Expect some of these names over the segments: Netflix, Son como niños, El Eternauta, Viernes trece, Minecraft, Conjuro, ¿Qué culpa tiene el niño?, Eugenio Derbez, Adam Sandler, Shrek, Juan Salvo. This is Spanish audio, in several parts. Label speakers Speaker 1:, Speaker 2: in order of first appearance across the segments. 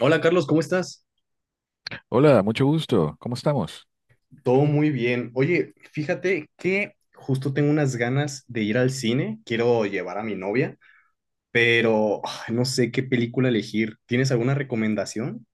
Speaker 1: Hola Carlos, ¿cómo estás?
Speaker 2: Hola, mucho gusto. ¿Cómo estamos?
Speaker 1: Todo muy bien. Oye, fíjate que justo tengo unas ganas de ir al cine. Quiero llevar a mi novia, pero ay, no sé qué película elegir. ¿Tienes alguna recomendación?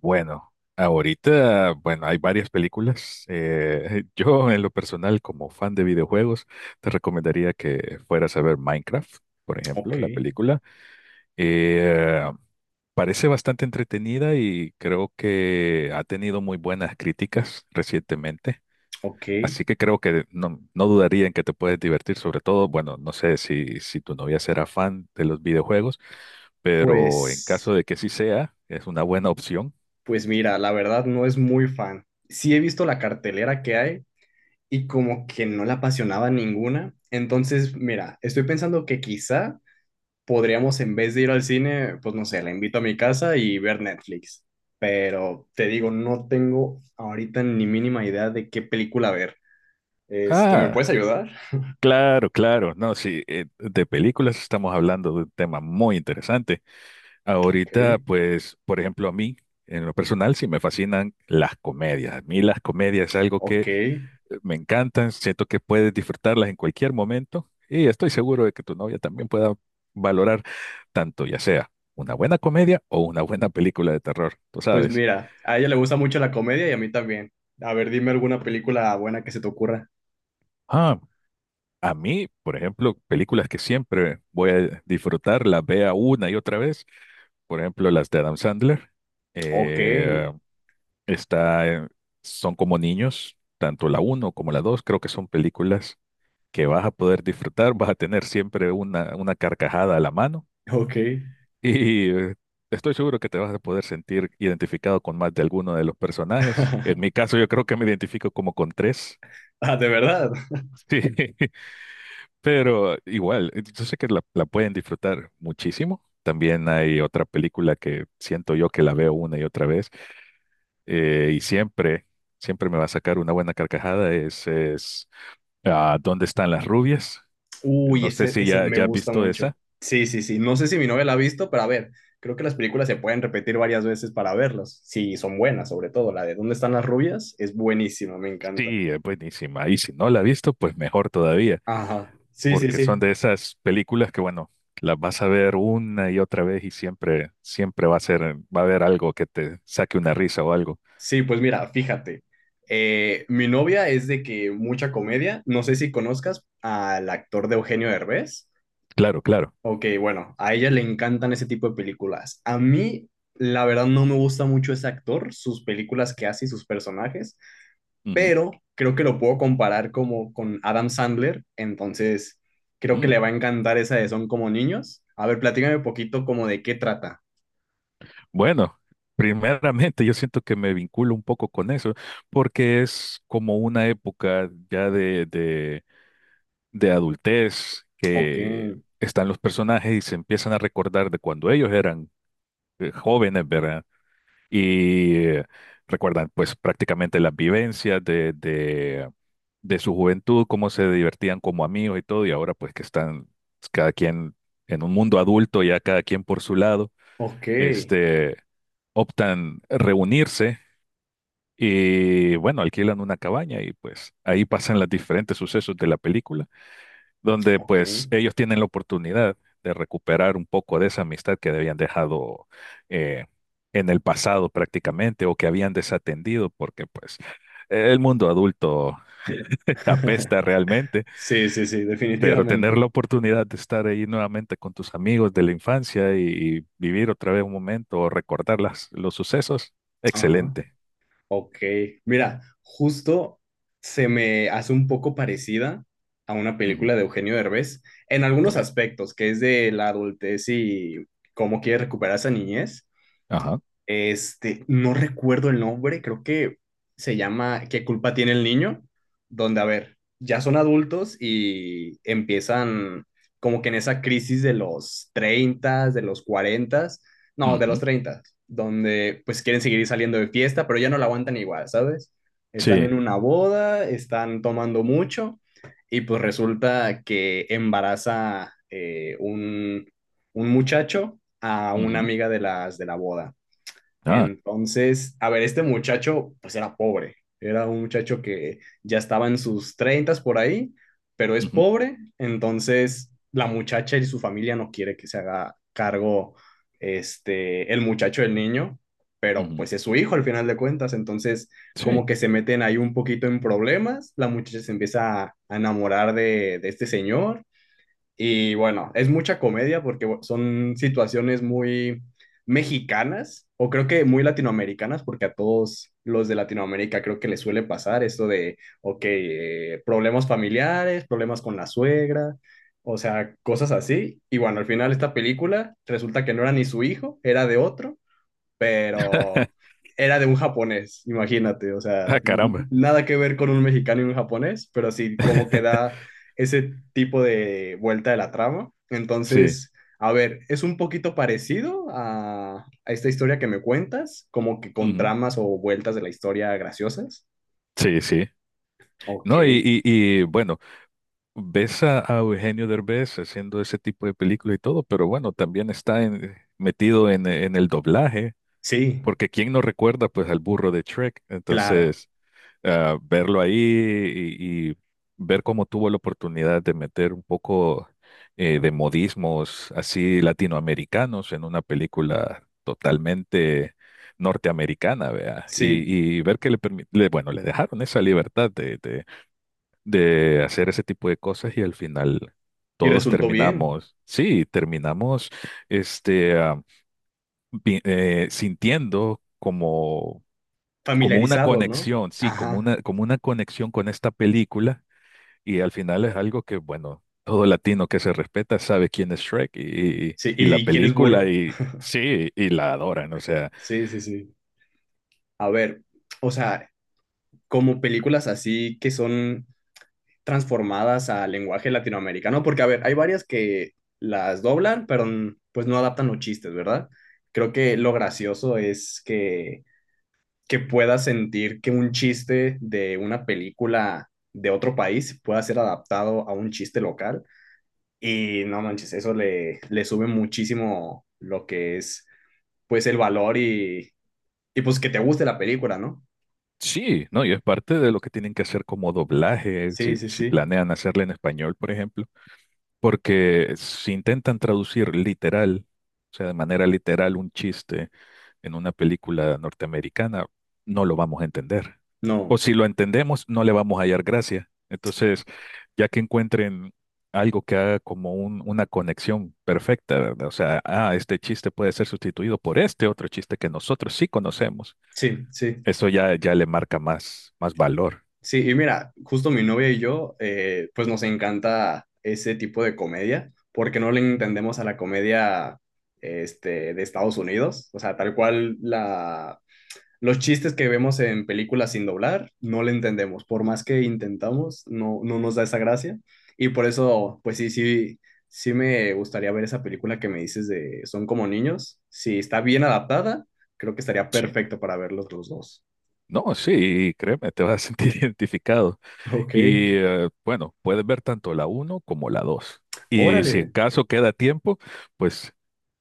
Speaker 2: Bueno, ahorita, bueno, hay varias películas. Yo, en lo personal, como fan de videojuegos, te recomendaría que fueras a ver Minecraft, por ejemplo,
Speaker 1: Ok,
Speaker 2: la película. Eh, parece bastante entretenida y creo que ha tenido muy buenas críticas recientemente.
Speaker 1: ok.
Speaker 2: Así que creo que no, no dudaría en que te puedes divertir, sobre todo, bueno, no sé si tu novia será fan de los videojuegos, pero en
Speaker 1: Pues,
Speaker 2: caso de que sí sea, es una buena opción.
Speaker 1: pues mira, la verdad no es muy fan. Sí he visto la cartelera que hay y como que no la apasionaba ninguna. Entonces, mira, estoy pensando que quizá podríamos en vez de ir al cine, pues no sé, la invito a mi casa y ver Netflix. Pero te digo, no tengo ahorita ni mínima idea de qué película ver. Este, ¿me puedes
Speaker 2: Ah,
Speaker 1: ayudar?
Speaker 2: claro, claro, no, sí, de películas estamos hablando de un tema muy interesante.
Speaker 1: Ok,
Speaker 2: Ahorita, pues, por ejemplo, a mí, en lo personal, sí me fascinan las comedias. A mí las comedias es algo
Speaker 1: ok.
Speaker 2: que me encantan, siento que puedes disfrutarlas en cualquier momento y estoy seguro de que tu novia también pueda valorar tanto ya sea una buena comedia o una buena película de terror, tú
Speaker 1: Pues
Speaker 2: sabes.
Speaker 1: mira, a ella le gusta mucho la comedia y a mí también. A ver, dime alguna película buena que se te ocurra.
Speaker 2: Ah, a mí, por ejemplo, películas que siempre voy a disfrutar, las vea una y otra vez, por ejemplo, las de Adam Sandler,
Speaker 1: Ok,
Speaker 2: eh, está, en- son como niños, tanto la uno como la 2 creo que son películas que vas a poder disfrutar, vas a tener siempre una carcajada a la mano.
Speaker 1: ok.
Speaker 2: Y estoy seguro que te vas a poder sentir identificado con más de alguno de los personajes. En mi caso, yo creo que me identifico como con tres.
Speaker 1: Ah, ¿de verdad?
Speaker 2: Sí, pero igual, yo sé que la pueden disfrutar muchísimo. También hay otra película que siento yo que la veo una y otra vez y siempre, siempre me va a sacar una buena carcajada. Es ¿Dónde están las rubias?
Speaker 1: Uy,
Speaker 2: No sé
Speaker 1: ese,
Speaker 2: si
Speaker 1: ese
Speaker 2: ya,
Speaker 1: me
Speaker 2: ya has
Speaker 1: gusta
Speaker 2: visto
Speaker 1: mucho.
Speaker 2: esa.
Speaker 1: Sí, sí, sí. No sé si mi novia la ha visto, pero a ver, creo que las películas se pueden repetir varias veces para verlas. Sí, son buenas, sobre todo la de ¿Dónde están las rubias? Es buenísima, me encanta.
Speaker 2: Sí, es buenísima. Y si no la has visto, pues mejor todavía.
Speaker 1: Ajá. Sí, sí,
Speaker 2: Porque son
Speaker 1: sí.
Speaker 2: de esas películas que, bueno, las vas a ver una y otra vez y siempre, siempre va a ser, va a haber algo que te saque una risa o algo.
Speaker 1: Sí, pues mira, fíjate. Mi novia es de que mucha comedia. No sé si conozcas al actor de Eugenio Derbez.
Speaker 2: Claro, claro.
Speaker 1: Ok, bueno, a ella le encantan ese tipo de películas. A mí, la verdad, no me gusta mucho ese actor, sus películas que hace y sus personajes.
Speaker 2: Ujú.
Speaker 1: Pero creo que lo puedo comparar como con Adam Sandler, entonces creo que
Speaker 2: Mm.
Speaker 1: le va a encantar esa de Son como niños. A ver, platícame un poquito como de qué trata.
Speaker 2: Bueno, primeramente yo siento que me vinculo un poco con eso, porque es como una época ya de, de adultez
Speaker 1: Ok,
Speaker 2: que están los personajes y se empiezan a recordar de cuando ellos eran jóvenes, ¿verdad? Y recuerdan pues prácticamente las vivencias de, de su juventud, cómo se divertían como amigos y todo, y ahora pues que están pues, cada quien en un mundo adulto, ya cada quien por su lado,
Speaker 1: ok,
Speaker 2: este, optan reunirse y bueno, alquilan una cabaña y pues ahí pasan los diferentes sucesos de la película donde
Speaker 1: ok.
Speaker 2: pues ellos tienen la oportunidad de recuperar un poco de esa amistad que habían dejado eh, en el pasado prácticamente o que habían desatendido porque pues el mundo adulto apesta realmente,
Speaker 1: Sí, sí, sí,
Speaker 2: pero tener
Speaker 1: definitivamente.
Speaker 2: la oportunidad de estar ahí nuevamente con tus amigos de la infancia y vivir otra vez un momento o recordar los sucesos,
Speaker 1: Ajá.
Speaker 2: excelente.
Speaker 1: Ok. Mira, justo se me hace un poco parecida a una
Speaker 2: Ujú.
Speaker 1: película de Eugenio Derbez en algunos
Speaker 2: Ok.
Speaker 1: aspectos, que es de la adultez y cómo quiere recuperar esa niñez.
Speaker 2: Ajá.
Speaker 1: Este, no recuerdo el nombre, creo que se llama ¿Qué culpa tiene el niño? Donde, a ver, ya son adultos y empiezan como que en esa crisis de los 30, de los 40, no, de los
Speaker 2: Ujú.
Speaker 1: 30 donde pues quieren seguir saliendo de fiesta, pero ya no la aguantan igual, ¿sabes? Están en
Speaker 2: Sí.
Speaker 1: una boda, están tomando mucho y pues resulta que embaraza un muchacho a una
Speaker 2: Ujú.
Speaker 1: amiga de las de la boda.
Speaker 2: Ah.
Speaker 1: Entonces, a ver, este muchacho pues era pobre, era un muchacho que ya estaba en sus treintas por ahí, pero es
Speaker 2: Ujú,
Speaker 1: pobre, entonces la muchacha y su familia no quiere que se haga cargo este el muchacho del niño, pero
Speaker 2: ujú.
Speaker 1: pues es su hijo al final de cuentas, entonces
Speaker 2: Sí.
Speaker 1: como que se meten ahí un poquito en problemas, la muchacha se empieza a enamorar de, este señor y bueno, es mucha comedia porque son situaciones muy mexicanas o creo que muy latinoamericanas porque a todos los de Latinoamérica creo que les suele pasar esto de, ok, problemas familiares, problemas con la suegra, o sea, cosas así. Y bueno, al final esta película resulta que no era ni su hijo, era de otro, pero era de un japonés, imagínate, o sea,
Speaker 2: Ah, caramba.
Speaker 1: nada que ver con un mexicano y un japonés, pero sí como que da ese tipo de vuelta de la trama.
Speaker 2: Sí.
Speaker 1: Entonces, a ver, es un poquito parecido a, esta historia que me cuentas, como que con
Speaker 2: Ujú.
Speaker 1: tramas o vueltas de la historia graciosas.
Speaker 2: Sí, sí.
Speaker 1: Ok,
Speaker 2: No, y, bueno, ves a Eugenio Derbez haciendo ese tipo de película y todo, pero bueno, también está metido en el doblaje,
Speaker 1: sí,
Speaker 2: porque quién no recuerda pues al burro de Shrek.
Speaker 1: claro,
Speaker 2: Entonces, verlo ahí y ver cómo tuvo la oportunidad de meter un poco de modismos así latinoamericanos en una película totalmente norteamericana, vea,
Speaker 1: sí,
Speaker 2: y ver que bueno, le dejaron esa libertad de, de hacer ese tipo de cosas y al final
Speaker 1: y
Speaker 2: todos
Speaker 1: resultó bien,
Speaker 2: terminamos, sí, terminamos este, ah, sintiendo como como una
Speaker 1: familiarizados, ¿no?
Speaker 2: conexión, sí, como
Speaker 1: Ajá,
Speaker 2: una, como una conexión con esta película y al final es algo que, bueno, todo latino que se respeta sabe quién es Shrek y, y-
Speaker 1: sí,
Speaker 2: y
Speaker 1: ¿y,
Speaker 2: la
Speaker 1: y quién es
Speaker 2: película
Speaker 1: burro?
Speaker 2: y sí, y la adoran, o sea,
Speaker 1: Sí, sí, sí. A ver, o sea, como películas así que son transformadas al lenguaje latinoamericano, porque a ver, hay varias que las doblan, pero pues no adaptan los chistes, ¿verdad? Creo que lo gracioso es que, puedas sentir que un chiste de una película de otro país pueda ser adaptado a un chiste local y no manches, eso le sube muchísimo lo que es pues el valor y pues que te guste la película, ¿no?
Speaker 2: sí, ¿no? Y es parte de lo que tienen que hacer como doblaje,
Speaker 1: Sí,
Speaker 2: si,
Speaker 1: sí,
Speaker 2: si
Speaker 1: sí.
Speaker 2: planean hacerle en español, por ejemplo. Porque si intentan traducir literal, o sea, de manera literal un chiste en una película norteamericana, no lo vamos a entender. O
Speaker 1: No,
Speaker 2: si lo entendemos, no le vamos a hallar gracia. Entonces, ya que encuentren algo que haga como una conexión perfecta, ¿verdad? O sea, este chiste puede ser sustituido por este otro chiste que nosotros sí conocemos,
Speaker 1: sí, sí.
Speaker 2: eso ya, ya le marca más, más valor.
Speaker 1: Sí, y mira, justo mi novia y yo, pues nos encanta ese tipo de comedia, porque no le entendemos a la comedia este, de Estados Unidos, o sea, tal cual los chistes que vemos en películas sin doblar, no le entendemos, por más que intentamos, no nos da esa gracia, y por eso, pues sí, sí, sí me gustaría ver esa película que me dices de Son como niños, si está bien adaptada, creo que estaría
Speaker 2: Sí.
Speaker 1: perfecto para verlos los dos.
Speaker 2: No, sí, créeme, te vas a sentir identificado.
Speaker 1: Ok,
Speaker 2: Y bueno, puedes ver tanto la uno como la dos. Y si en
Speaker 1: órale.
Speaker 2: caso queda tiempo, pues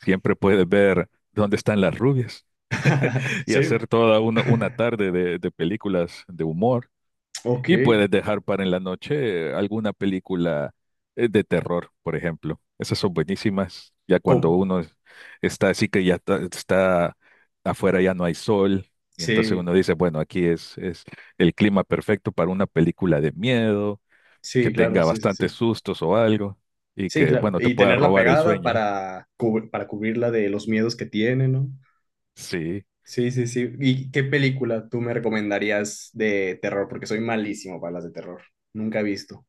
Speaker 2: siempre puedes ver ¿Dónde están las rubias? Y
Speaker 1: Sí,
Speaker 2: hacer toda una tarde de películas de humor.
Speaker 1: ok.
Speaker 2: Y puedes dejar para en la noche alguna película de terror, por ejemplo. Esas son buenísimas. Ya cuando
Speaker 1: Co-
Speaker 2: uno está así que ya está afuera, ya no hay sol. Y entonces
Speaker 1: Sí,
Speaker 2: uno dice, bueno, aquí es el clima perfecto para una película de miedo que
Speaker 1: sí, claro,
Speaker 2: tenga
Speaker 1: sí, sí,
Speaker 2: bastantes
Speaker 1: sí.
Speaker 2: sustos o algo y
Speaker 1: Sí,
Speaker 2: que,
Speaker 1: claro.
Speaker 2: bueno, te
Speaker 1: Y
Speaker 2: pueda
Speaker 1: tenerla
Speaker 2: robar el
Speaker 1: pegada
Speaker 2: sueño.
Speaker 1: para cubrirla de los miedos que tiene, ¿no?
Speaker 2: Sí.
Speaker 1: Sí, sí, sí. ¿Y qué película tú me recomendarías de terror? Porque soy malísimo para las de terror. Nunca he visto.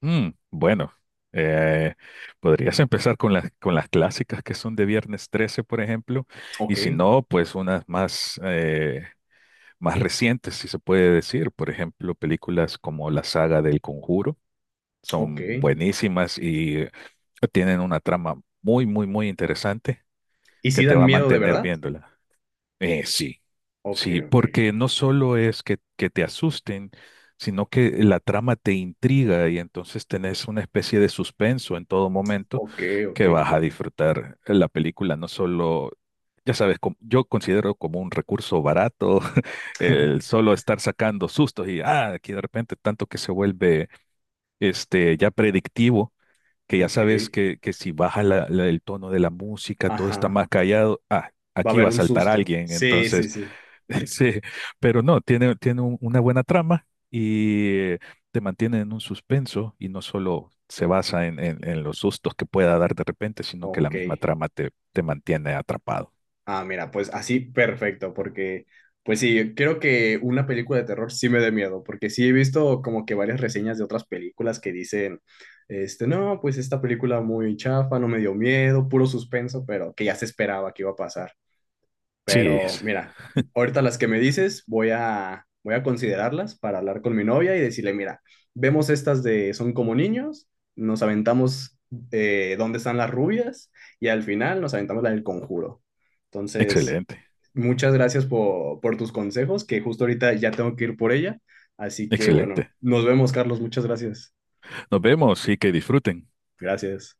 Speaker 2: Bueno, eh, podrías empezar con con las clásicas, que son de Viernes trece, por ejemplo, y
Speaker 1: Ok,
Speaker 2: si no, pues unas más, más recientes, si se puede decir. Por ejemplo, películas como la saga del Conjuro
Speaker 1: ok.
Speaker 2: son buenísimas y tienen una trama muy, muy, muy interesante
Speaker 1: ¿Y
Speaker 2: que
Speaker 1: si
Speaker 2: te
Speaker 1: dan
Speaker 2: va a
Speaker 1: miedo de
Speaker 2: mantener
Speaker 1: verdad?
Speaker 2: viéndola. Sí,
Speaker 1: Ok,
Speaker 2: sí,
Speaker 1: ok.
Speaker 2: porque no solo es que te asusten, sino que la trama te intriga y entonces tenés una especie de suspenso en todo momento
Speaker 1: Ok, ok.
Speaker 2: que vas a disfrutar la película, no solo, ya sabes, yo considero como un recurso barato el solo estar sacando sustos y, aquí de repente tanto que se vuelve este, ya predictivo, que ya
Speaker 1: Ok.
Speaker 2: sabes que si baja el tono de la música, todo está
Speaker 1: Ajá.
Speaker 2: más callado,
Speaker 1: Va a
Speaker 2: aquí
Speaker 1: haber
Speaker 2: va a
Speaker 1: un
Speaker 2: saltar
Speaker 1: susto.
Speaker 2: alguien,
Speaker 1: Sí, sí,
Speaker 2: entonces.
Speaker 1: sí.
Speaker 2: Sí, pero no, tiene una buena trama y te mantiene en un suspenso y no solo se basa en los sustos que pueda dar de repente, sino que la
Speaker 1: Ok.
Speaker 2: misma trama te mantiene atrapado.
Speaker 1: Ah, mira, pues así perfecto, porque pues sí, creo que una película de terror sí me da miedo, porque sí he visto como que varias reseñas de otras películas que dicen, este, no, pues esta película muy chafa, no me dio miedo, puro suspenso, pero que ya se esperaba que iba a pasar.
Speaker 2: Sí,
Speaker 1: Pero
Speaker 2: es
Speaker 1: mira, ahorita las que me dices, voy a considerarlas para hablar con mi novia y decirle, mira, vemos estas de Son como niños, nos aventamos dónde están las rubias y al final nos aventamos la del conjuro. Entonces,
Speaker 2: excelente,
Speaker 1: muchas gracias por tus consejos, que justo ahorita ya tengo que ir por ella. Así que bueno,
Speaker 2: excelente.
Speaker 1: nos vemos, Carlos. Muchas gracias.
Speaker 2: Nos vemos y que disfruten.
Speaker 1: Gracias.